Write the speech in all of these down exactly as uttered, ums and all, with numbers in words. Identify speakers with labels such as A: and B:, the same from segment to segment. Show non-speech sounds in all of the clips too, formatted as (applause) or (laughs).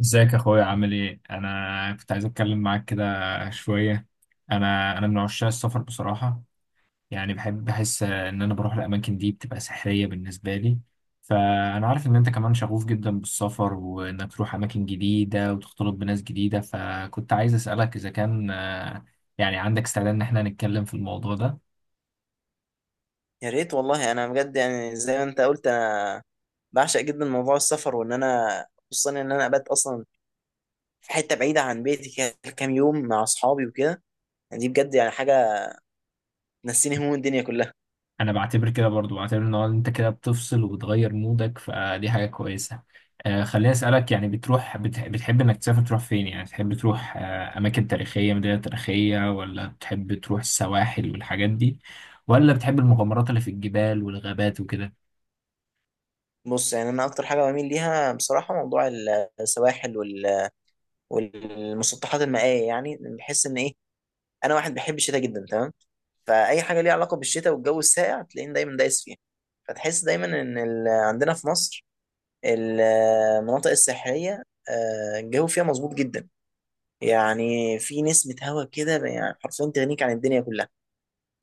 A: ازيك يا اخويا، عامل ايه؟ انا كنت عايز اتكلم معاك كده شويه. انا انا من عشاق السفر بصراحه. يعني بحب، بحس ان انا بروح الاماكن دي، بتبقى سحريه بالنسبه لي. فانا عارف ان انت كمان شغوف جدا بالسفر، وانك تروح اماكن جديده وتختلط بناس جديده. فكنت عايز اسالك اذا كان آه، يعني عندك استعداد ان احنا نتكلم في الموضوع ده.
B: يا ريت والله. انا بجد يعني زي ما انت قلت، انا بعشق جدا موضوع السفر، وان انا خصوصا ان انا ابات اصلا في حته بعيده عن بيتي كده كام يوم مع اصحابي وكده. يعني دي بجد يعني حاجه تنسيني هموم الدنيا كلها.
A: انا بعتبر كده، برضو بعتبر ان هو انت كده بتفصل وبتغير مودك، فدي حاجة كويسة. آه، خليني اسألك، يعني بتروح، بتح- بتحب انك تسافر، تروح فين؟ يعني تحب تروح آه اماكن تاريخية، مدينة تاريخية، ولا بتحب تروح السواحل والحاجات دي؟ ولا بتحب المغامرات اللي في الجبال والغابات وكده؟
B: بص، يعني انا اكتر حاجه بميل ليها بصراحه موضوع السواحل وال- والمسطحات المائيه. يعني بحس ان ايه، انا واحد بحب الشتاء جدا، تمام. فاي حاجه ليها علاقه بالشتاء والجو الساقع تلاقيني دايما دايس فيها. فتحس دايما ان ال- عندنا في مصر المناطق الساحليه، آه، الجو فيها مظبوط جدا. يعني في نسمة هوا كده يعني حرفيا تغنيك عن الدنيا كلها.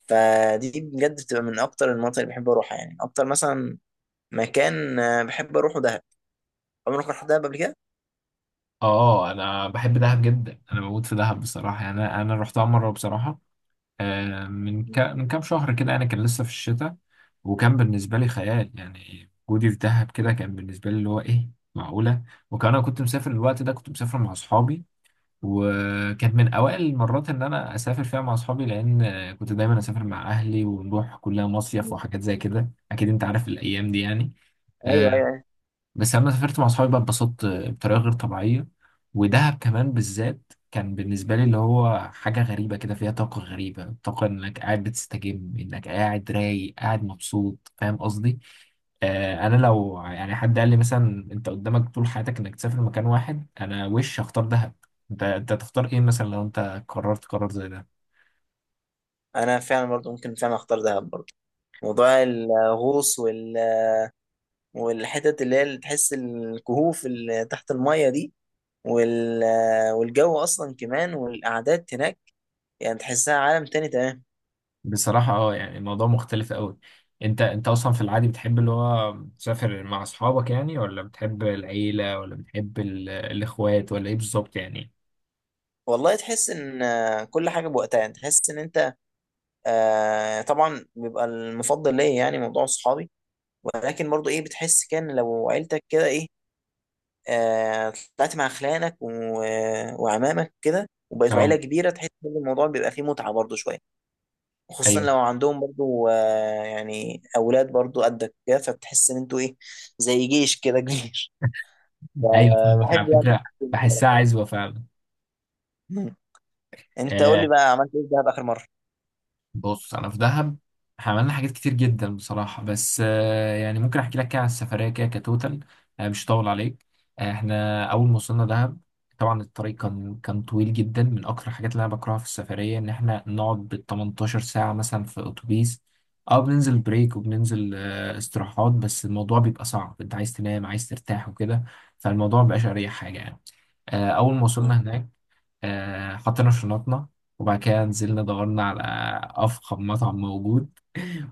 B: فدي بجد بتبقى من أكتر المناطق اللي بحب أروحها. يعني أكتر مثلا مكان آه، بحب أروحه دهب. عمرك رحت دهب قبل كده؟
A: اه، انا بحب دهب جدا، انا بموت في دهب بصراحة. يعني انا انا رحتها مرة بصراحة، آه، من ك...
B: مم.
A: من كام شهر كده. انا كان لسه في الشتاء. وكان بالنسبه لي خيال، يعني وجودي في دهب كده كان بالنسبه لي اللي هو ايه، معقوله. وكان انا كنت مسافر الوقت ده، كنت مسافر مع اصحابي. وكانت من اوائل المرات ان انا اسافر فيها مع اصحابي، لان آه، كنت دايما اسافر مع اهلي، ونروح كلها مصيف
B: مم.
A: وحاجات زي كده، اكيد انت عارف الايام دي يعني.
B: أيوه،
A: آه،
B: أيوه، أيوه.
A: بس لما سافرت مع صحابي بقى، اتبسطت بطريقة غير طبيعية. ودهب كمان بالذات كان بالنسبة لي اللي هو حاجة غريبة، كده فيها طاقة غريبة، طاقة إنك قاعد بتستجم، إنك قاعد رايق، قاعد مبسوط. فاهم قصدي؟ آه، أنا
B: مم.
A: لو يعني حد قال لي مثلا: أنت قدامك طول حياتك إنك تسافر مكان واحد، أنا وش هختار؟ دهب. أنت أنت تختار إيه مثلا لو أنت قررت قرار زي ده؟
B: أنا فعلا برضو ممكن فعلا أختار دهب برضو. موضوع الغوص وال... والحتت اللي هي اللي تحس الكهوف اللي تحت المية دي وال... آه، والجو أصلا كمان والقعدات هناك. يعني تحسها عالم تاني، تمام.
A: بصراحة اه، يعني الموضوع مختلف قوي. انت انت اصلا في العادي بتحب اللي هو تسافر مع اصحابك يعني، ولا بتحب العيلة، ولا بتحب ال- الاخوات، ولا ايه بالظبط يعني؟
B: والله تحس إن آه، كل حاجة بوقتها. يعني تحس إن أنت، آه، طبعا بيبقى المفضل ليا يعني موضوع صحابي. ولكن برضو ايه، بتحس كان لو عيلتك كده ايه، آه طلعت مع خلانك و... وعمامك كده وبقيتوا
A: اه،
B: عيلة كبيرة، تحس ان الموضوع بيبقى فيه متعة برضو شوية. خصوصا
A: ايوه،
B: لو عندهم برضو آه يعني اولاد برضو قدك كده، فتحس ان انتوا ايه، زي جيش كده كبير. (laughs)
A: ايوه،
B: آه،
A: فاهمك على
B: بحب يعني.
A: فكرة. بحسها عزوة فعلا.
B: مم. انت قول
A: آه،
B: لي بقى، عملت ايه في دهب اخر مرة؟
A: بص، انا في دهب، احنا عملنا حاجات كتير جدا بصراحه، بس آه، يعني ممكن احكي لك كده عن السفريه كده كتوتال. آه، مش هطول عليك. آه، احنا اول ما وصلنا دهب، طبعا الطريق كان كان طويل جدا. من اكتر الحاجات اللي انا بكرهها في السفريه ان احنا نقعد بال تمنتاشر ساعه مثلا في اتوبيس. اه، بننزل بريك، وبننزل آه، استراحات، بس الموضوع بيبقى صعب، انت عايز تنام، عايز ترتاح وكده. فالموضوع مبقاش اريح حاجه يعني. آه، اول ما
B: مم.
A: وصلنا هناك، آه، حطينا شنطنا. وبعد كده نزلنا، دورنا على أفخم مطعم موجود.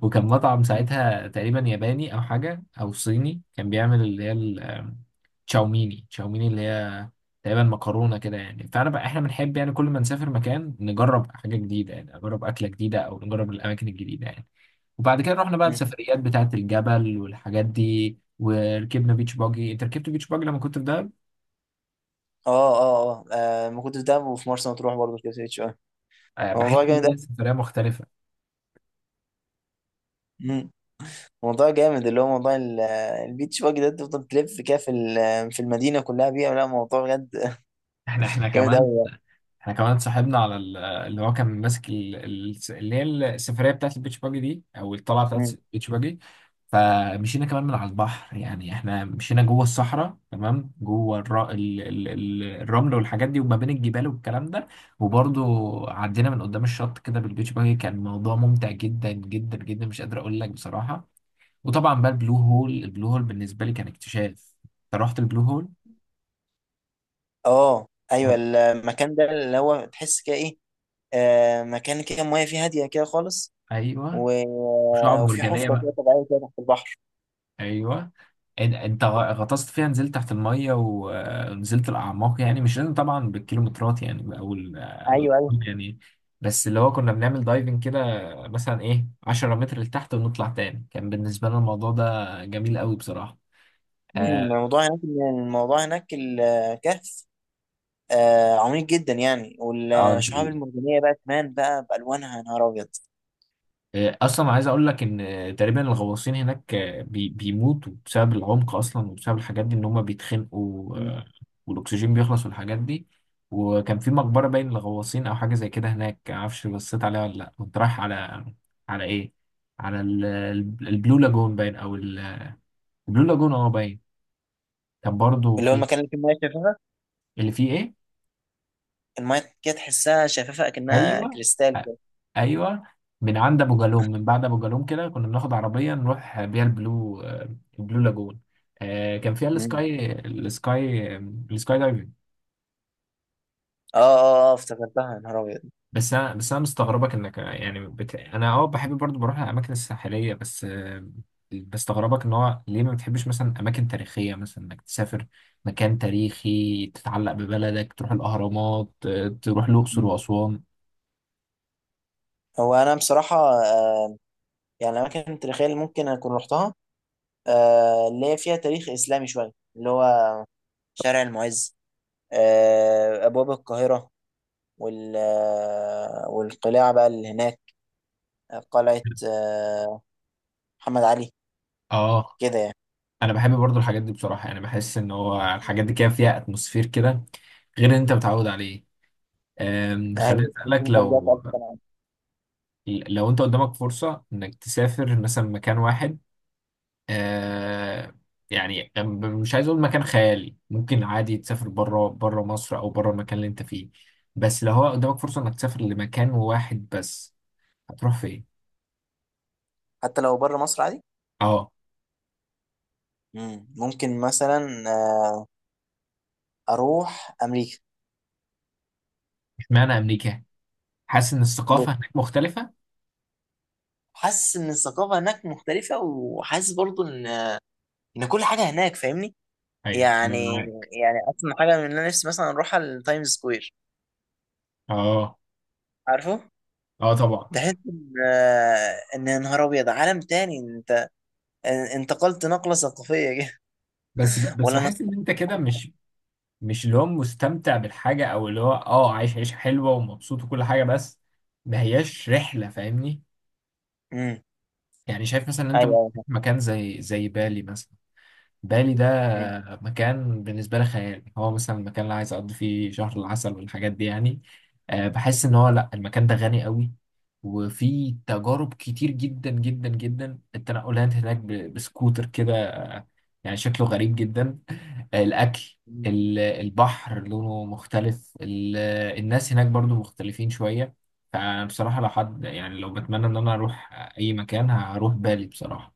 A: وكان مطعم ساعتها تقريبا ياباني، أو حاجة، أو صيني، كان بيعمل اللي هي ال- آم، تشاوميني تشاوميني اللي هي تقريبا مكرونة كده يعني. فأنا بقى، إحنا بنحب يعني كل ما نسافر مكان نجرب حاجة جديدة، يعني نجرب أكلة جديدة أو نجرب الأماكن الجديدة يعني. وبعد كده رحنا بقى
B: مم.
A: السفريات بتاعة الجبل والحاجات دي، وركبنا بيتش باجي. أنت ركبت بيتش باجي لما كنت في دهب؟
B: اه، اه، اه، آه، ما كنت في دهب وفي مرسى مطروح برضو كده شوية.
A: آه،
B: الموضوع
A: بحس إن هي
B: جامد
A: سفرية مختلفة.
B: أوي. موضوع جامد اللي هو موضوع ال- البيتش باجي ده. تفضل تلف كده في ال- في المدينة كلها بيها. لا، موضوع بجد.
A: احنا احنا
B: (laughs) جامد
A: كمان
B: أوي.
A: احنا كمان صاحبنا على ال- اللي هو كان ماسك ال- ال- اللي هي السفريه بتاعت البيتش باجي دي، او الطلعه بتاعت
B: مم.
A: البيتش باجي. فمشينا كمان من على البحر، يعني احنا مشينا جوه الصحراء تمام، جوه الر... ال... ال... ال- الرمل والحاجات دي، وما بين الجبال والكلام ده. وبرضو عدينا من قدام الشط كده بالبيتش باجي. كان موضوع ممتع جدا جدا جدا، مش قادر اقول لك بصراحه. وطبعا بقى البلو هول البلو هول بالنسبه لي كان اكتشاف. انت رحت البلو هول؟
B: اه، ايوه.
A: طب.
B: المكان ده اللي هو تحس كده ايه، آه مكان كده المية فيه هادية كده خالص
A: ايوه،
B: و...
A: وشعب
B: وفي
A: مرجانيه
B: حفرة كده
A: بقى.
B: طبيعية كده تحت البحر.
A: ايوه. إن- انت غطست فيها، نزلت تحت الميه، ونزلت الاعماق يعني. مش لازم طبعا بالكيلومترات يعني، او ال-
B: ايوه، ايوه.
A: الأرقام يعني. بس اللي هو كنا بنعمل دايفنج كده، مثلا ايه، عشرة متر لتحت، ونطلع تاني. كان بالنسبه لنا الموضوع ده جميل قوي بصراحه.
B: مم.
A: اه.
B: الموضوع هناك، الموضوع هناك الكهف آه عميق جدا يعني.
A: آه،
B: والشعاب المرجانية بقى كمان بقى بألوانها، يا نهار أبيض.
A: آه، اصلا عايز اقول لك ان آه، تقريبا الغواصين هناك آه، بي- بيموتوا بسبب العمق اصلا، وبسبب الحاجات دي ان هم بيتخنقوا،
B: مم.
A: آه، والاكسجين بيخلص والحاجات دي. وكان في مقبره باين للغواصين او حاجه زي كده هناك، معرفش، بصيت عليها ولا لا. كنت رايح على، على ايه، على ال- ال- البلو لاجون باين، او ال- البلو لاجون اه باين. كان برضه
B: اللي هو
A: في
B: المكان اللي فيه المية شفافة.
A: اللي فيه ايه.
B: المايه كده تحسها شفافه اكنها
A: ايوه،
B: كريستال كده.
A: ايوه. من عند ابو جالوم، من بعد ابو جالوم كده، كنا بناخد عربيه نروح بيها البلو آه، البلو لاجون. آه، كان فيها
B: مم.
A: السكاي السكاي السكاي دايفنج.
B: اه، اه، اه، افتكرتها، يا نهار ابيض.
A: بس انا بس انا مستغربك انك يعني، بت... انا اه بحب برضو بروح الاماكن الساحليه، بس آه، بستغربك ان هو ليه ما بتحبش مثلا اماكن تاريخيه، مثلا انك تسافر مكان تاريخي تتعلق ببلدك، تروح الاهرامات، آه، تروح الاقصر
B: مم.
A: واسوان.
B: هو انا بصراحه، آه يعني الاماكن التاريخيه اللي ممكن اكون رحتها، آه اللي هي فيها تاريخ اسلامي شويه، اللي هو شارع المعز، آه ابواب القاهره، وال آه، والقلاع بقى اللي هناك، قلعه آه محمد علي
A: اه،
B: كده يعني.
A: انا بحب برضو الحاجات دي بصراحه. يعني بحس ان هو الحاجات دي كده فيها اتموسفير كده، غير اللي انت متعود عليه. أم، خليني
B: ايوه، بس
A: اسالك،
B: انت رجعت
A: لو
B: الف سنه.
A: لو انت قدامك فرصه انك تسافر مثلا مكان واحد، أه، يعني أم- مش عايز اقول مكان خيالي، ممكن عادي تسافر بره بره مصر، او بره المكان اللي انت فيه. بس لو هو قدامك فرصه انك تسافر لمكان واحد بس، هتروح فين؟
B: حتى لو بره مصر عادي.
A: اه.
B: مم. ممكن مثلا آه، اروح امريكا.
A: اشمعنى امريكا؟ حاسس ان الثقافه هناك مختلفه؟
B: حاسس ان الثقافه هناك مختلفه، وحاسس برضو ان ان كل حاجه هناك، فاهمني
A: ايوه، أنا
B: يعني
A: معاك.
B: يعني اصلا حاجه من اللي انا نفسي مثلا اروح على التايمز سكوير،
A: اه،
B: عارفه.
A: اه، طبعا.
B: تحس ان آه، ان يا نهار ابيض عالم تاني انت، ان- انتقلت نقله ثقافيه كده.
A: بس ب-
B: (laughs)
A: بس
B: ولا انا.
A: بحس ان انت كده مش، مش اللي هو مستمتع بالحاجه، او اللي هو اه عايش عيشه حلوه ومبسوط وكل حاجه، بس ما هياش رحله، فاهمني.
B: امم.
A: يعني شايف مثلا ان انت
B: ايوه،
A: ممكن تروح
B: ايوه.
A: مكان زي زي بالي مثلا. بالي
B: مم.
A: ده مكان بالنسبة لي خيال. هو مثلا المكان اللي عايز أقضي فيه شهر العسل والحاجات دي يعني. آه، بحس إن هو، لأ، المكان ده غني قوي. وفي تجارب كتير جدا جدا جدا. التنقلات هناك ب- بسكوتر كده، آه، يعني شكله غريب جدا. آه، الأكل،
B: مم.
A: ال- البحر لونه مختلف، ال- الناس هناك برضو مختلفين شوية. فبصراحة لو حد، يعني لو بتمنى إن أنا أروح أي مكان، هروح بالي بصراحة.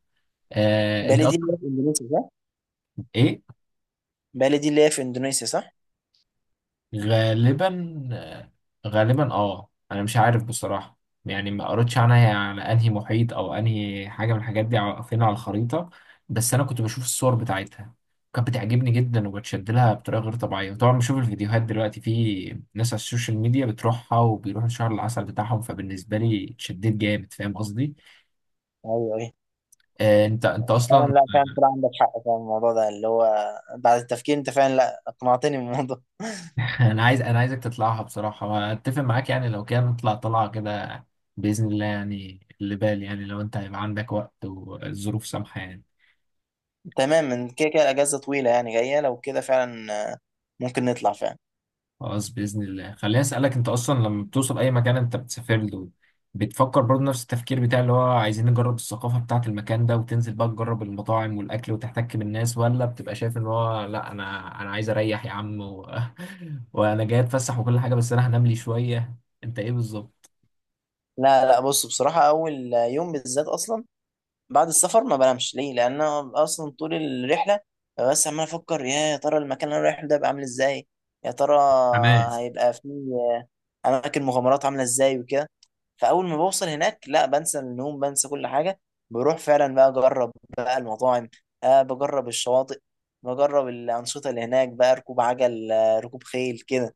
A: آه، أنت
B: بالي دي اللي
A: أصلا.
B: هي في اندونيسيا صح؟
A: إيه؟
B: بالي دي اللي هي في اندونيسيا صح؟
A: غالبا. غالبا اه، انا مش عارف بصراحة. يعني ما قريتش عنها، هي على انهي محيط او انهي حاجة من الحاجات دي، ع- فين على الخريطة. بس انا كنت بشوف الصور بتاعتها، كانت بتعجبني جدا وبتشد لها بطريقة غير طبيعية. وطبعا بشوف الفيديوهات دلوقتي، في ناس على السوشيال ميديا بتروحها، وبيروحوا شهر العسل بتاعهم، فبالنسبة لي اتشددت جامد، فاهم قصدي؟
B: ايوه، ايوه.
A: آه. انت انت
B: فعلا،
A: اصلا.
B: لا فعلا طلع عندك حق في الموضوع ده، اللي هو بعد التفكير انت فعلا، لا اقنعتني بالموضوع.
A: (laughs) انا عايز، انا عايزك تطلعها بصراحه، واتفق معاك يعني، لو كان نطلع طلعه كده باذن الله يعني، اللي بالي يعني، لو انت هيبقى عندك وقت والظروف سامحه يعني.
B: تمام، من كده كده الاجازه طويله يعني جايه، لو كده فعلا آه، ممكن نطلع فعلا.
A: خلاص، باذن الله. خليني اسالك: انت اصلا لما بتوصل اي مكان انت بتسافر له، بتفكر برضه نفس التفكير بتاع اللي هو عايزين نجرب الثقافه بتاعه المكان ده، وتنزل بقى تجرب المطاعم والاكل وتحتك بالناس، ولا بتبقى شايف ان هو لا، انا انا عايز اريح يا عم، و... (laughs) وانا جاي اتفسح وكل حاجه، بس انا هنام لي شويه؟ انت ايه بالظبط؟
B: لا، لا، بص، بصراحه اول يوم بالذات اصلا بعد السفر ما بنامش ليه، لان انا اصلا طول الرحله ببقى بس عمال افكر يا يا ترى المكان اللي انا رايح له ده هيبقى عامل ازاي، يا ترى
A: حماس.
B: هيبقى فيه اماكن مغامرات عامله ازاي وكده. فاول ما بوصل هناك، لا، بنسى النوم، بنسى كل حاجه، بروح فعلا بقى اجرب بقى المطاعم، أه بجرب الشواطئ، بجرب الانشطه اللي هناك بقى، ركوب عجل، آه، ركوب خيل كده.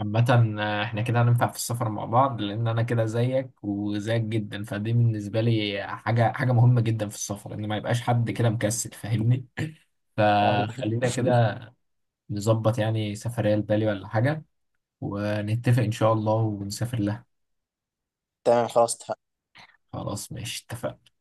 A: عامة آه، احنا كده هننفع في السفر مع بعض، لأن أنا كده زيك وزيك جدا. فدي بالنسبة لي حاجة حاجة مهمة جدا في السفر، إن ما يبقاش حد كده مكسل، فاهمني. (laughs) فخلينا كده نظبط يعني سفرية لبالي ولا حاجة، ونتفق إن شاء الله ونسافر لها.
B: تمام، خلاص اتفقنا.
A: خلاص، ماشي، اتفقنا.